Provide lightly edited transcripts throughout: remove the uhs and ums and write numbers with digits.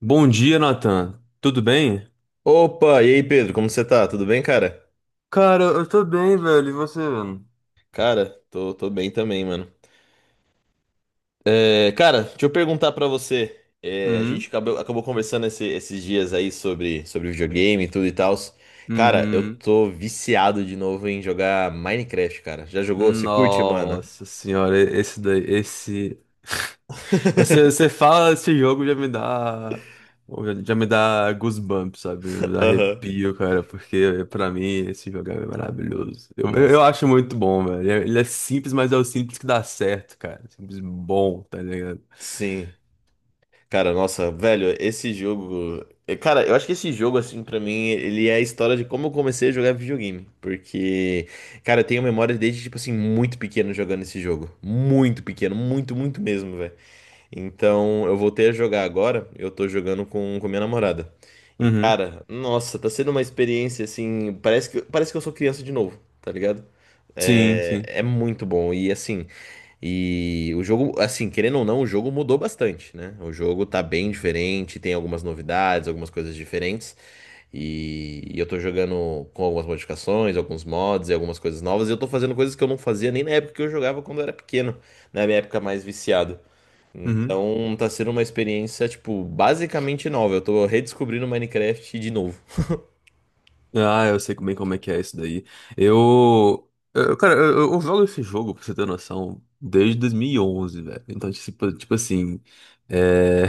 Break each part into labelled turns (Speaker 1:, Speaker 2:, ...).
Speaker 1: Bom dia, Nathan. Tudo bem?
Speaker 2: Opa, e aí Pedro, como você tá? Tudo bem, cara?
Speaker 1: Cara, eu tô bem, velho. E você, mano?
Speaker 2: Cara, tô bem também, mano. É, cara, deixa eu perguntar pra você. É, a gente
Speaker 1: Hum?
Speaker 2: acabou conversando esses dias aí sobre videogame e tudo e tal. Cara, eu
Speaker 1: Uhum.
Speaker 2: tô viciado de novo em jogar Minecraft, cara. Já jogou? Você curte, mano?
Speaker 1: Nossa senhora, esse daí, esse. Você fala esse jogo já me dá. Já me dá goosebumps, sabe? Me dá
Speaker 2: Aham.
Speaker 1: arrepio, cara, porque pra mim esse jogo é maravilhoso. Eu
Speaker 2: Nossa,
Speaker 1: acho muito bom, velho. Ele é simples, mas é o simples que dá certo, cara. Simples bom, tá ligado?
Speaker 2: sim. Cara, nossa, velho, esse jogo. Cara, eu acho que esse jogo, assim, pra mim, ele é a história de como eu comecei a jogar videogame. Porque, cara, eu tenho memória desde, tipo assim, muito pequeno jogando esse jogo. Muito pequeno, muito, muito mesmo, velho. Então, eu voltei a jogar agora. Eu tô jogando com minha namorada. E,
Speaker 1: Uhum.
Speaker 2: cara, nossa, tá sendo uma experiência assim. Parece que eu sou criança de novo, tá ligado?
Speaker 1: Sim,
Speaker 2: É,
Speaker 1: sim.
Speaker 2: é muito bom. E, assim, e o jogo, assim, querendo ou não, o jogo mudou bastante, né? O jogo tá bem diferente, tem algumas novidades, algumas coisas diferentes. E eu tô jogando com algumas modificações, alguns mods e algumas coisas novas. E eu tô fazendo coisas que eu não fazia nem na época que eu jogava quando eu era pequeno, na minha época mais viciado.
Speaker 1: Uhum.
Speaker 2: Então tá sendo uma experiência, tipo, basicamente nova. Eu tô redescobrindo Minecraft de novo.
Speaker 1: Ah, eu sei bem como é que é isso daí. Cara, eu jogo esse jogo, pra você ter noção, desde 2011, velho. Então, tipo assim, é...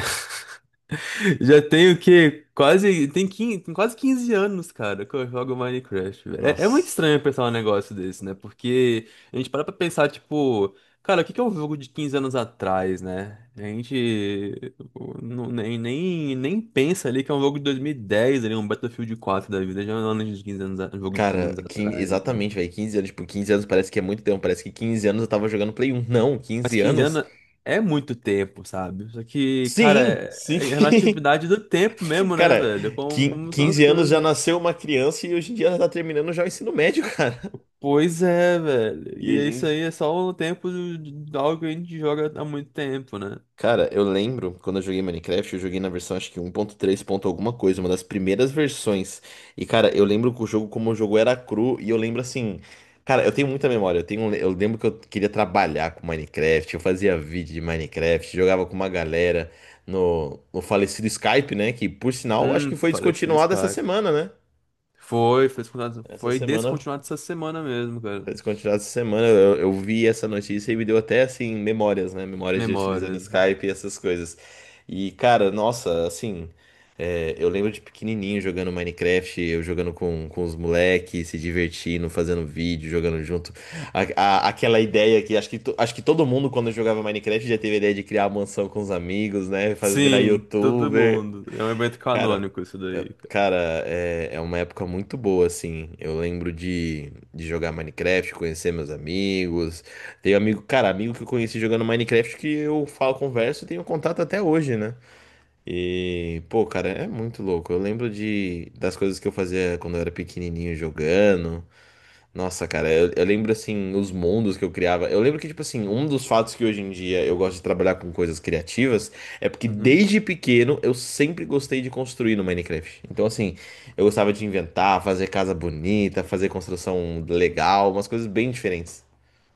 Speaker 1: já tenho o quê? Quase, tem 15, tem quase 15 anos, cara, que eu jogo Minecraft, velho. É muito
Speaker 2: Nossa.
Speaker 1: estranho pensar um negócio desse, né? Porque a gente para pra pensar, tipo. Cara, o que que é um jogo de 15 anos atrás, né? A gente o, não- nem, nem, nem pensa ali que é um jogo de 2010 ali, um Battlefield 4 da vida, já é um ano de 15 anos, um jogo de quinze
Speaker 2: Cara,
Speaker 1: anos atrás, né?
Speaker 2: exatamente, velho. 15 anos. Tipo, 15 anos parece que é muito tempo. Parece que 15 anos eu tava jogando Play 1. Não,
Speaker 1: Mas
Speaker 2: 15
Speaker 1: 15
Speaker 2: anos?
Speaker 1: anos é muito tempo, sabe? Só que, cara,
Speaker 2: Sim, sim.
Speaker 1: é relatividade do tempo mesmo, né,
Speaker 2: Cara,
Speaker 1: velho? Como, como são as
Speaker 2: 15 anos já
Speaker 1: coisas.
Speaker 2: nasceu uma criança e hoje em dia ela tá terminando já o ensino médio, cara.
Speaker 1: Pois é, velho.
Speaker 2: E
Speaker 1: E
Speaker 2: a
Speaker 1: é isso
Speaker 2: gente
Speaker 1: aí é só o tempo de algo que a gente joga há muito tempo, né?
Speaker 2: Cara, eu lembro quando eu joguei Minecraft, eu joguei na versão acho que 1.3 ponto três ponto alguma coisa, uma das primeiras versões. E cara, eu lembro que o jogo como o jogo era cru e eu lembro assim, cara, eu tenho muita memória. Eu lembro que eu queria trabalhar com Minecraft, eu fazia vídeo de Minecraft, jogava com uma galera no falecido Skype, né, que por sinal acho que foi
Speaker 1: Parece
Speaker 2: descontinuado essa
Speaker 1: Escape.
Speaker 2: semana, né?
Speaker 1: Foi, foi descontinuado,
Speaker 2: Essa
Speaker 1: foi
Speaker 2: semana
Speaker 1: descontinuado essa semana mesmo, cara.
Speaker 2: Descontinuado essa semana, eu vi essa notícia e me deu até assim memórias, né? Memórias de utilizando
Speaker 1: Memórias.
Speaker 2: Skype e essas coisas. E cara, nossa, assim, eu lembro de pequenininho jogando Minecraft, eu jogando com os moleques, se divertindo, fazendo vídeo, jogando junto. Aquela ideia que acho que todo mundo quando jogava Minecraft já teve a ideia de criar a mansão com os amigos, né? Fazer virar
Speaker 1: Sim, todo
Speaker 2: YouTuber.
Speaker 1: mundo. É um evento
Speaker 2: Cara,
Speaker 1: canônico isso daí, cara.
Speaker 2: cara, é uma época muito boa, assim. Eu lembro de jogar Minecraft, conhecer meus amigos. Tenho amigo, cara, amigo que eu conheci jogando Minecraft que eu falo, converso e tenho contato até hoje, né? E, pô, cara, é muito louco. Eu lembro de, das coisas que eu fazia quando eu era pequenininho jogando. Nossa, cara, eu lembro assim, os mundos que eu criava. Eu lembro que, tipo assim, um dos fatos que hoje em dia eu gosto de trabalhar com coisas criativas é porque
Speaker 1: Uhum.
Speaker 2: desde pequeno eu sempre gostei de construir no Minecraft. Então, assim, eu gostava de inventar, fazer casa bonita, fazer construção legal, umas coisas bem diferentes.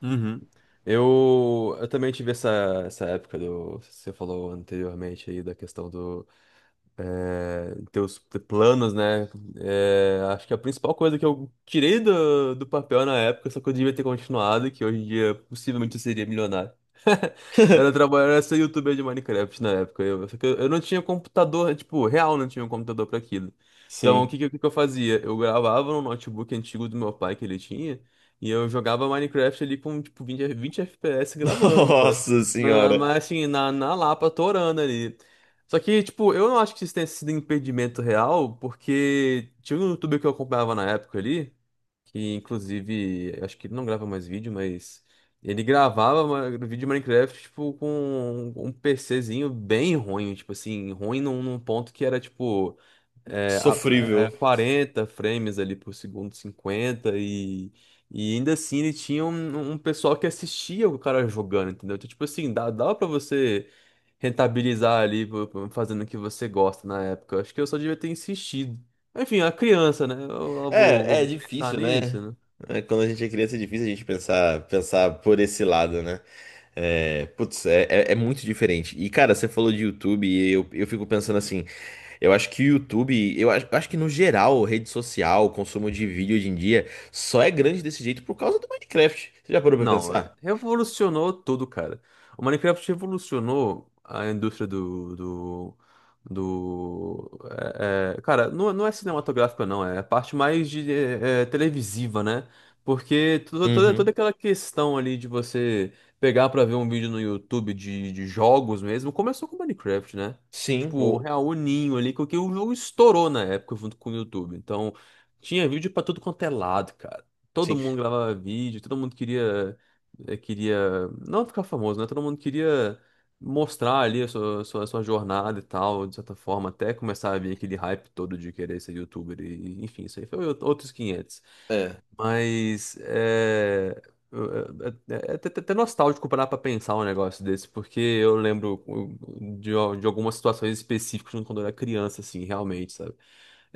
Speaker 1: Uhum. Eu também tive essa, essa época do. Você falou anteriormente aí da questão do. É, teus planos, né? É, acho que a principal coisa que eu tirei do papel na época, só que eu devia ter continuado, que hoje em dia possivelmente eu seria milionário. Era trabalhar, era ser youtuber de Minecraft na época. Só que eu não tinha computador, tipo, real não tinha um computador pra aquilo. Então, o
Speaker 2: Sim.
Speaker 1: que, que, o que que eu fazia? Eu gravava no notebook antigo do meu pai que ele tinha, e eu jogava Minecraft ali com, tipo, 20 FPS gravando, sabe?
Speaker 2: Nossa
Speaker 1: Mas,
Speaker 2: senhora.
Speaker 1: mas, assim, na Lapa, torando ali. Só que, tipo, eu não acho que isso tenha sido impedimento real, porque tinha um youtuber que eu acompanhava na época ali, que inclusive, acho que ele não grava mais vídeo, mas ele gravava vídeo de Minecraft, tipo, com um PCzinho bem ruim, tipo assim, ruim num ponto que era, tipo, é, a-
Speaker 2: Sofrível.
Speaker 1: 40 frames ali por segundo, 50, e ainda assim ele tinha um pessoal que assistia o cara jogando, entendeu? Então, tipo assim, dava pra você rentabilizar ali, pô, pô, fazendo o que você gosta na época. Acho que eu só devia ter insistido. Enfim, a criança, né? Eu
Speaker 2: É
Speaker 1: vou pensar
Speaker 2: difícil,
Speaker 1: nisso,
Speaker 2: né?
Speaker 1: né?
Speaker 2: É, quando a gente é criança é difícil a gente pensar por esse lado, né? É, putz, é muito diferente. E, cara, você falou de YouTube e eu fico pensando assim, eu acho que o YouTube, eu acho que no geral, rede social, consumo de vídeo hoje em dia, só é grande desse jeito por causa do Minecraft. Você já parou pra
Speaker 1: Não, é,
Speaker 2: pensar?
Speaker 1: revolucionou tudo, cara. O Minecraft revolucionou a indústria do, cara, não, não é cinematográfica não, é a parte mais de televisiva, né? Porque
Speaker 2: Uhum.
Speaker 1: toda aquela questão ali de você pegar pra ver um vídeo no YouTube de jogos mesmo, começou com o Minecraft, né?
Speaker 2: Sim,
Speaker 1: Tipo, o real o ninho ali, que o jogo estourou na época junto com o YouTube. Então, tinha vídeo pra tudo quanto é lado, cara. Todo
Speaker 2: Sim,
Speaker 1: mundo gravava vídeo, todo mundo queria não ficar famoso, né? Todo mundo queria mostrar ali a sua jornada e tal, de certa forma, até começar a vir aquele hype todo de querer ser youtuber e, enfim, isso aí foi outros 500
Speaker 2: é.
Speaker 1: mas é, até nostálgico parar pra pensar um negócio desse, porque eu lembro de algumas situações específicas quando eu era criança, assim, realmente, sabe?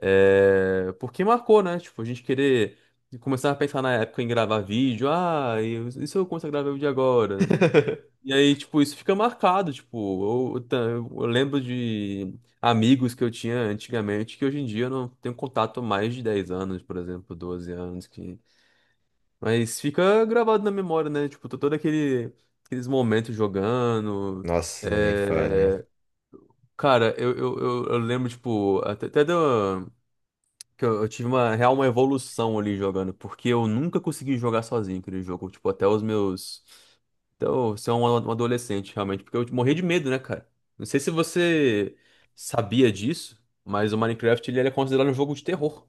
Speaker 1: É, porque marcou, né? Tipo, a gente querer começar a pensar na época em gravar vídeo, ah, e se eu começar a gravar vídeo agora? E aí, tipo, isso fica marcado, tipo, eu lembro de amigos que eu tinha antigamente que hoje em dia eu não tenho contato há mais de 10 anos, por exemplo, 12 anos, que mas fica gravado na memória, né? Tipo, aqueles momentos jogando.
Speaker 2: Nossa, nem fale.
Speaker 1: é, Cara, eu lembro, tipo, que eu, tive uma real uma evolução ali jogando, porque eu nunca consegui jogar sozinho aquele jogo. Tipo, até os meus. Então, você é um adolescente, realmente, porque eu morri de medo, né, cara? Não sei se você sabia disso, mas o Minecraft ele era considerado um jogo de terror.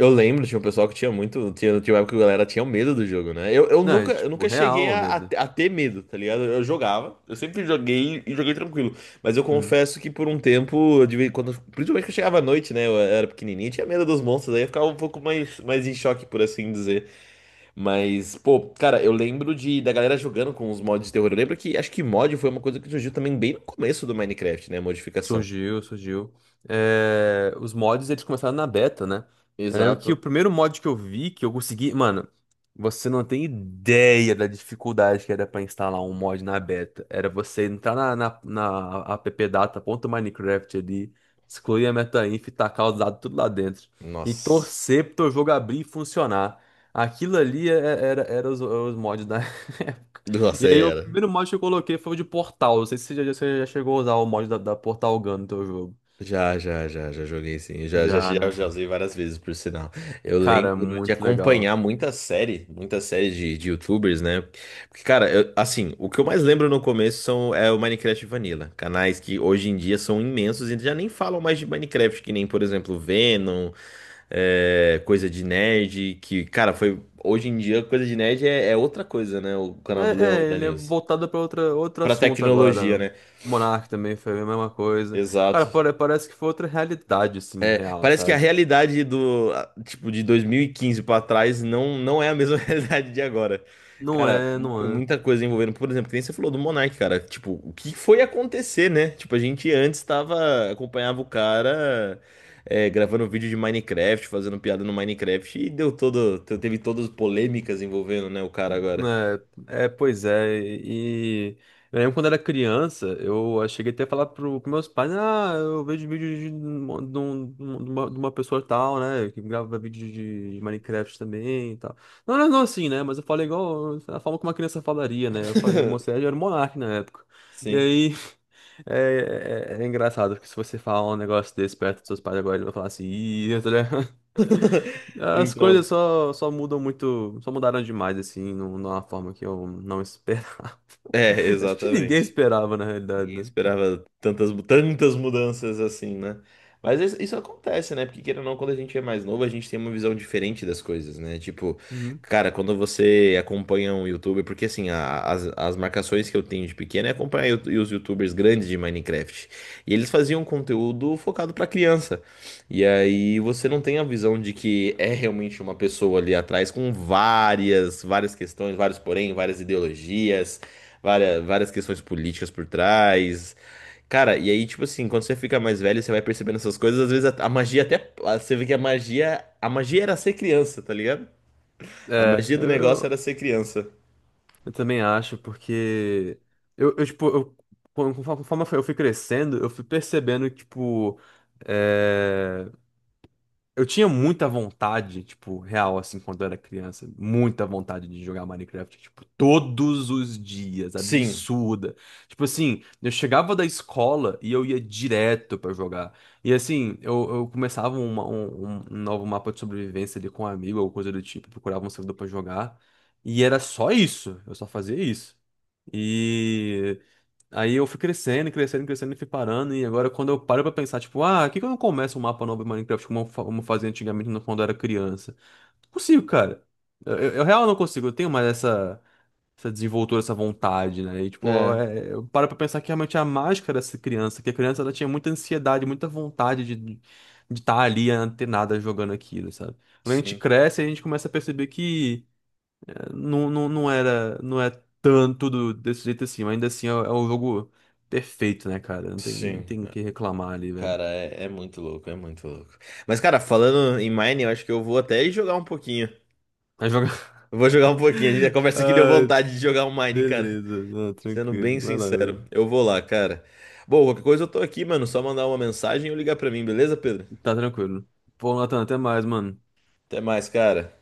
Speaker 2: Eu lembro, tinha um pessoal que tinha muito. Tinha uma época que a galera tinha medo do jogo, né? Eu, eu
Speaker 1: Não, é
Speaker 2: nunca, eu
Speaker 1: tipo,
Speaker 2: nunca cheguei
Speaker 1: real,
Speaker 2: a, a,
Speaker 1: medo.
Speaker 2: a ter medo, tá ligado? Eu jogava, eu sempre joguei e joguei tranquilo. Mas eu
Speaker 1: Uhum.
Speaker 2: confesso que por um tempo, principalmente quando chegava à noite, né? Eu era pequenininho, tinha medo dos monstros, aí eu ficava um pouco mais em choque, por assim dizer. Mas, pô, cara, eu lembro da galera jogando com os mods de terror. Eu lembro que acho que mod foi uma coisa que surgiu também bem no começo do Minecraft, né? Modificação.
Speaker 1: Surgiu, surgiu. É, os mods, eles começaram na beta, né? Eu lembro que o
Speaker 2: Exato.
Speaker 1: primeiro mod que eu vi, que eu consegui... Mano, você não tem ideia da dificuldade que era pra instalar um mod na beta. Era você entrar na appdata.minecraft ali, excluir a metainf e tacar os dados tudo lá dentro. E
Speaker 2: Nossa.
Speaker 1: torcer pro teu jogo abrir e funcionar. Aquilo ali era os mods da época. E
Speaker 2: Nossa,
Speaker 1: aí o
Speaker 2: era.
Speaker 1: primeiro mod que eu coloquei foi o de Portal. Não sei se você já, você já chegou a usar o mod da Portal Gun no teu jogo.
Speaker 2: Já, já, já, já joguei sim. Já, já,
Speaker 1: Já,
Speaker 2: já,
Speaker 1: né?
Speaker 2: já usei várias vezes, por sinal. Eu
Speaker 1: Cara, é
Speaker 2: lembro de
Speaker 1: muito legal.
Speaker 2: acompanhar muita série de YouTubers, né? Porque, cara, assim, o que eu mais lembro no começo é o Minecraft Vanilla. Canais que hoje em dia são imensos e já nem falam mais de Minecraft, que nem, por exemplo, Venom, coisa de nerd, que, cara, foi. Hoje em dia, coisa de nerd é outra coisa, né? O canal
Speaker 1: É,
Speaker 2: do Leão e da
Speaker 1: ele é
Speaker 2: Nilce.
Speaker 1: voltado pra outro
Speaker 2: Pra
Speaker 1: assunto
Speaker 2: tecnologia,
Speaker 1: agora.
Speaker 2: né?
Speaker 1: Monarch também foi a mesma coisa. Cara,
Speaker 2: Exato.
Speaker 1: parece que foi outra realidade, assim, real,
Speaker 2: Parece que a
Speaker 1: sabe?
Speaker 2: realidade tipo, de 2015 pra trás não é a mesma realidade de agora.
Speaker 1: Não
Speaker 2: Cara,
Speaker 1: é, não é.
Speaker 2: muita coisa envolvendo, por exemplo, que nem você falou do Monark, cara. Tipo, o que foi acontecer, né? Tipo, a gente antes acompanhava o cara gravando vídeo de Minecraft, fazendo piada no Minecraft e teve todas as polêmicas envolvendo, né, o cara agora.
Speaker 1: Pois é, e eu lembro quando era criança, eu cheguei até a falar pros meus pais, ah, eu vejo vídeo de uma pessoa tal, né, que grava vídeo de Minecraft também e tal. Não, não, não assim, né, mas eu falei igual, a forma como uma criança falaria, né, eu falei, moça, eu era um monarca na época. E
Speaker 2: Sim.
Speaker 1: aí, é engraçado, porque se você falar um negócio desse perto dos seus pais agora, ele vai falar assim, ih, tá ligado? As coisas
Speaker 2: Então,
Speaker 1: só mudam muito, só mudaram demais, assim, numa forma que eu não esperava. Acho que ninguém
Speaker 2: exatamente.
Speaker 1: esperava, na realidade,
Speaker 2: Ninguém
Speaker 1: né?
Speaker 2: esperava tantas mudanças assim, né? Mas isso acontece, né? Porque queira ou não, quando a gente é mais novo, a gente tem uma visão diferente das coisas, né? Tipo,
Speaker 1: Uhum.
Speaker 2: cara, quando você acompanha um youtuber, porque assim, as marcações que eu tenho de pequeno é acompanhar os youtubers grandes de Minecraft. E eles faziam conteúdo focado pra criança. E aí você não tem a visão de que é realmente uma pessoa ali atrás com várias questões, vários porém, várias ideologias várias questões políticas por trás. Cara, e aí, tipo assim, quando você fica mais velho, você vai percebendo essas coisas, às vezes a magia até. Você vê que a magia. A magia era ser criança, tá ligado? A
Speaker 1: É,
Speaker 2: magia do
Speaker 1: eu,
Speaker 2: negócio era
Speaker 1: eu,
Speaker 2: ser criança.
Speaker 1: eu também acho, porque tipo, conforme eu fui crescendo, eu fui percebendo que, tipo, é, eu tinha muita vontade, tipo, real, assim, quando eu era criança, muita vontade de jogar Minecraft, tipo, todos os dias,
Speaker 2: Sim,
Speaker 1: absurda. Tipo assim, eu chegava da escola e eu ia direto pra jogar. E assim, eu começava um novo mapa de sobrevivência ali com um amigo ou coisa do tipo, procurava um servidor pra jogar. E era só isso, eu só fazia isso. E. Aí eu fui crescendo, crescendo, crescendo e fui parando. E agora, quando eu paro pra pensar, tipo, ah, por que que eu não começo um mapa novo em Minecraft como como eu fazia antigamente quando eu era criança? Não consigo, cara. Eu real não consigo. Eu tenho mais essa desenvoltura, essa vontade, né? E, tipo,
Speaker 2: né?
Speaker 1: eu paro pra pensar que realmente a mágica dessa criança, que a criança ela tinha muita ansiedade, muita vontade de estar de tá ali antenada jogando aquilo, sabe? Quando a gente
Speaker 2: Sim,
Speaker 1: cresce, a gente começa a perceber que. Não, não, não era, não é tanto desse jeito assim, mas ainda assim é o jogo perfeito, né, cara? Não tem, não
Speaker 2: sim.
Speaker 1: tem o que reclamar ali, velho.
Speaker 2: Cara, é muito louco, é muito louco. Mas, cara, falando em Mine, eu acho que eu vou até jogar um pouquinho.
Speaker 1: Mas joga.
Speaker 2: Eu vou jogar um pouquinho, a conversa aqui deu
Speaker 1: Ah,
Speaker 2: vontade de jogar um Mine, cara.
Speaker 1: beleza, não,
Speaker 2: Sendo bem
Speaker 1: tranquilo, vai lá,
Speaker 2: sincero,
Speaker 1: velho.
Speaker 2: eu vou lá, cara. Bom, qualquer coisa eu tô aqui, mano. Só mandar uma mensagem ou ligar pra mim, beleza, Pedro?
Speaker 1: Tá tranquilo. Pô, Nathan, até mais, mano.
Speaker 2: Até mais, cara.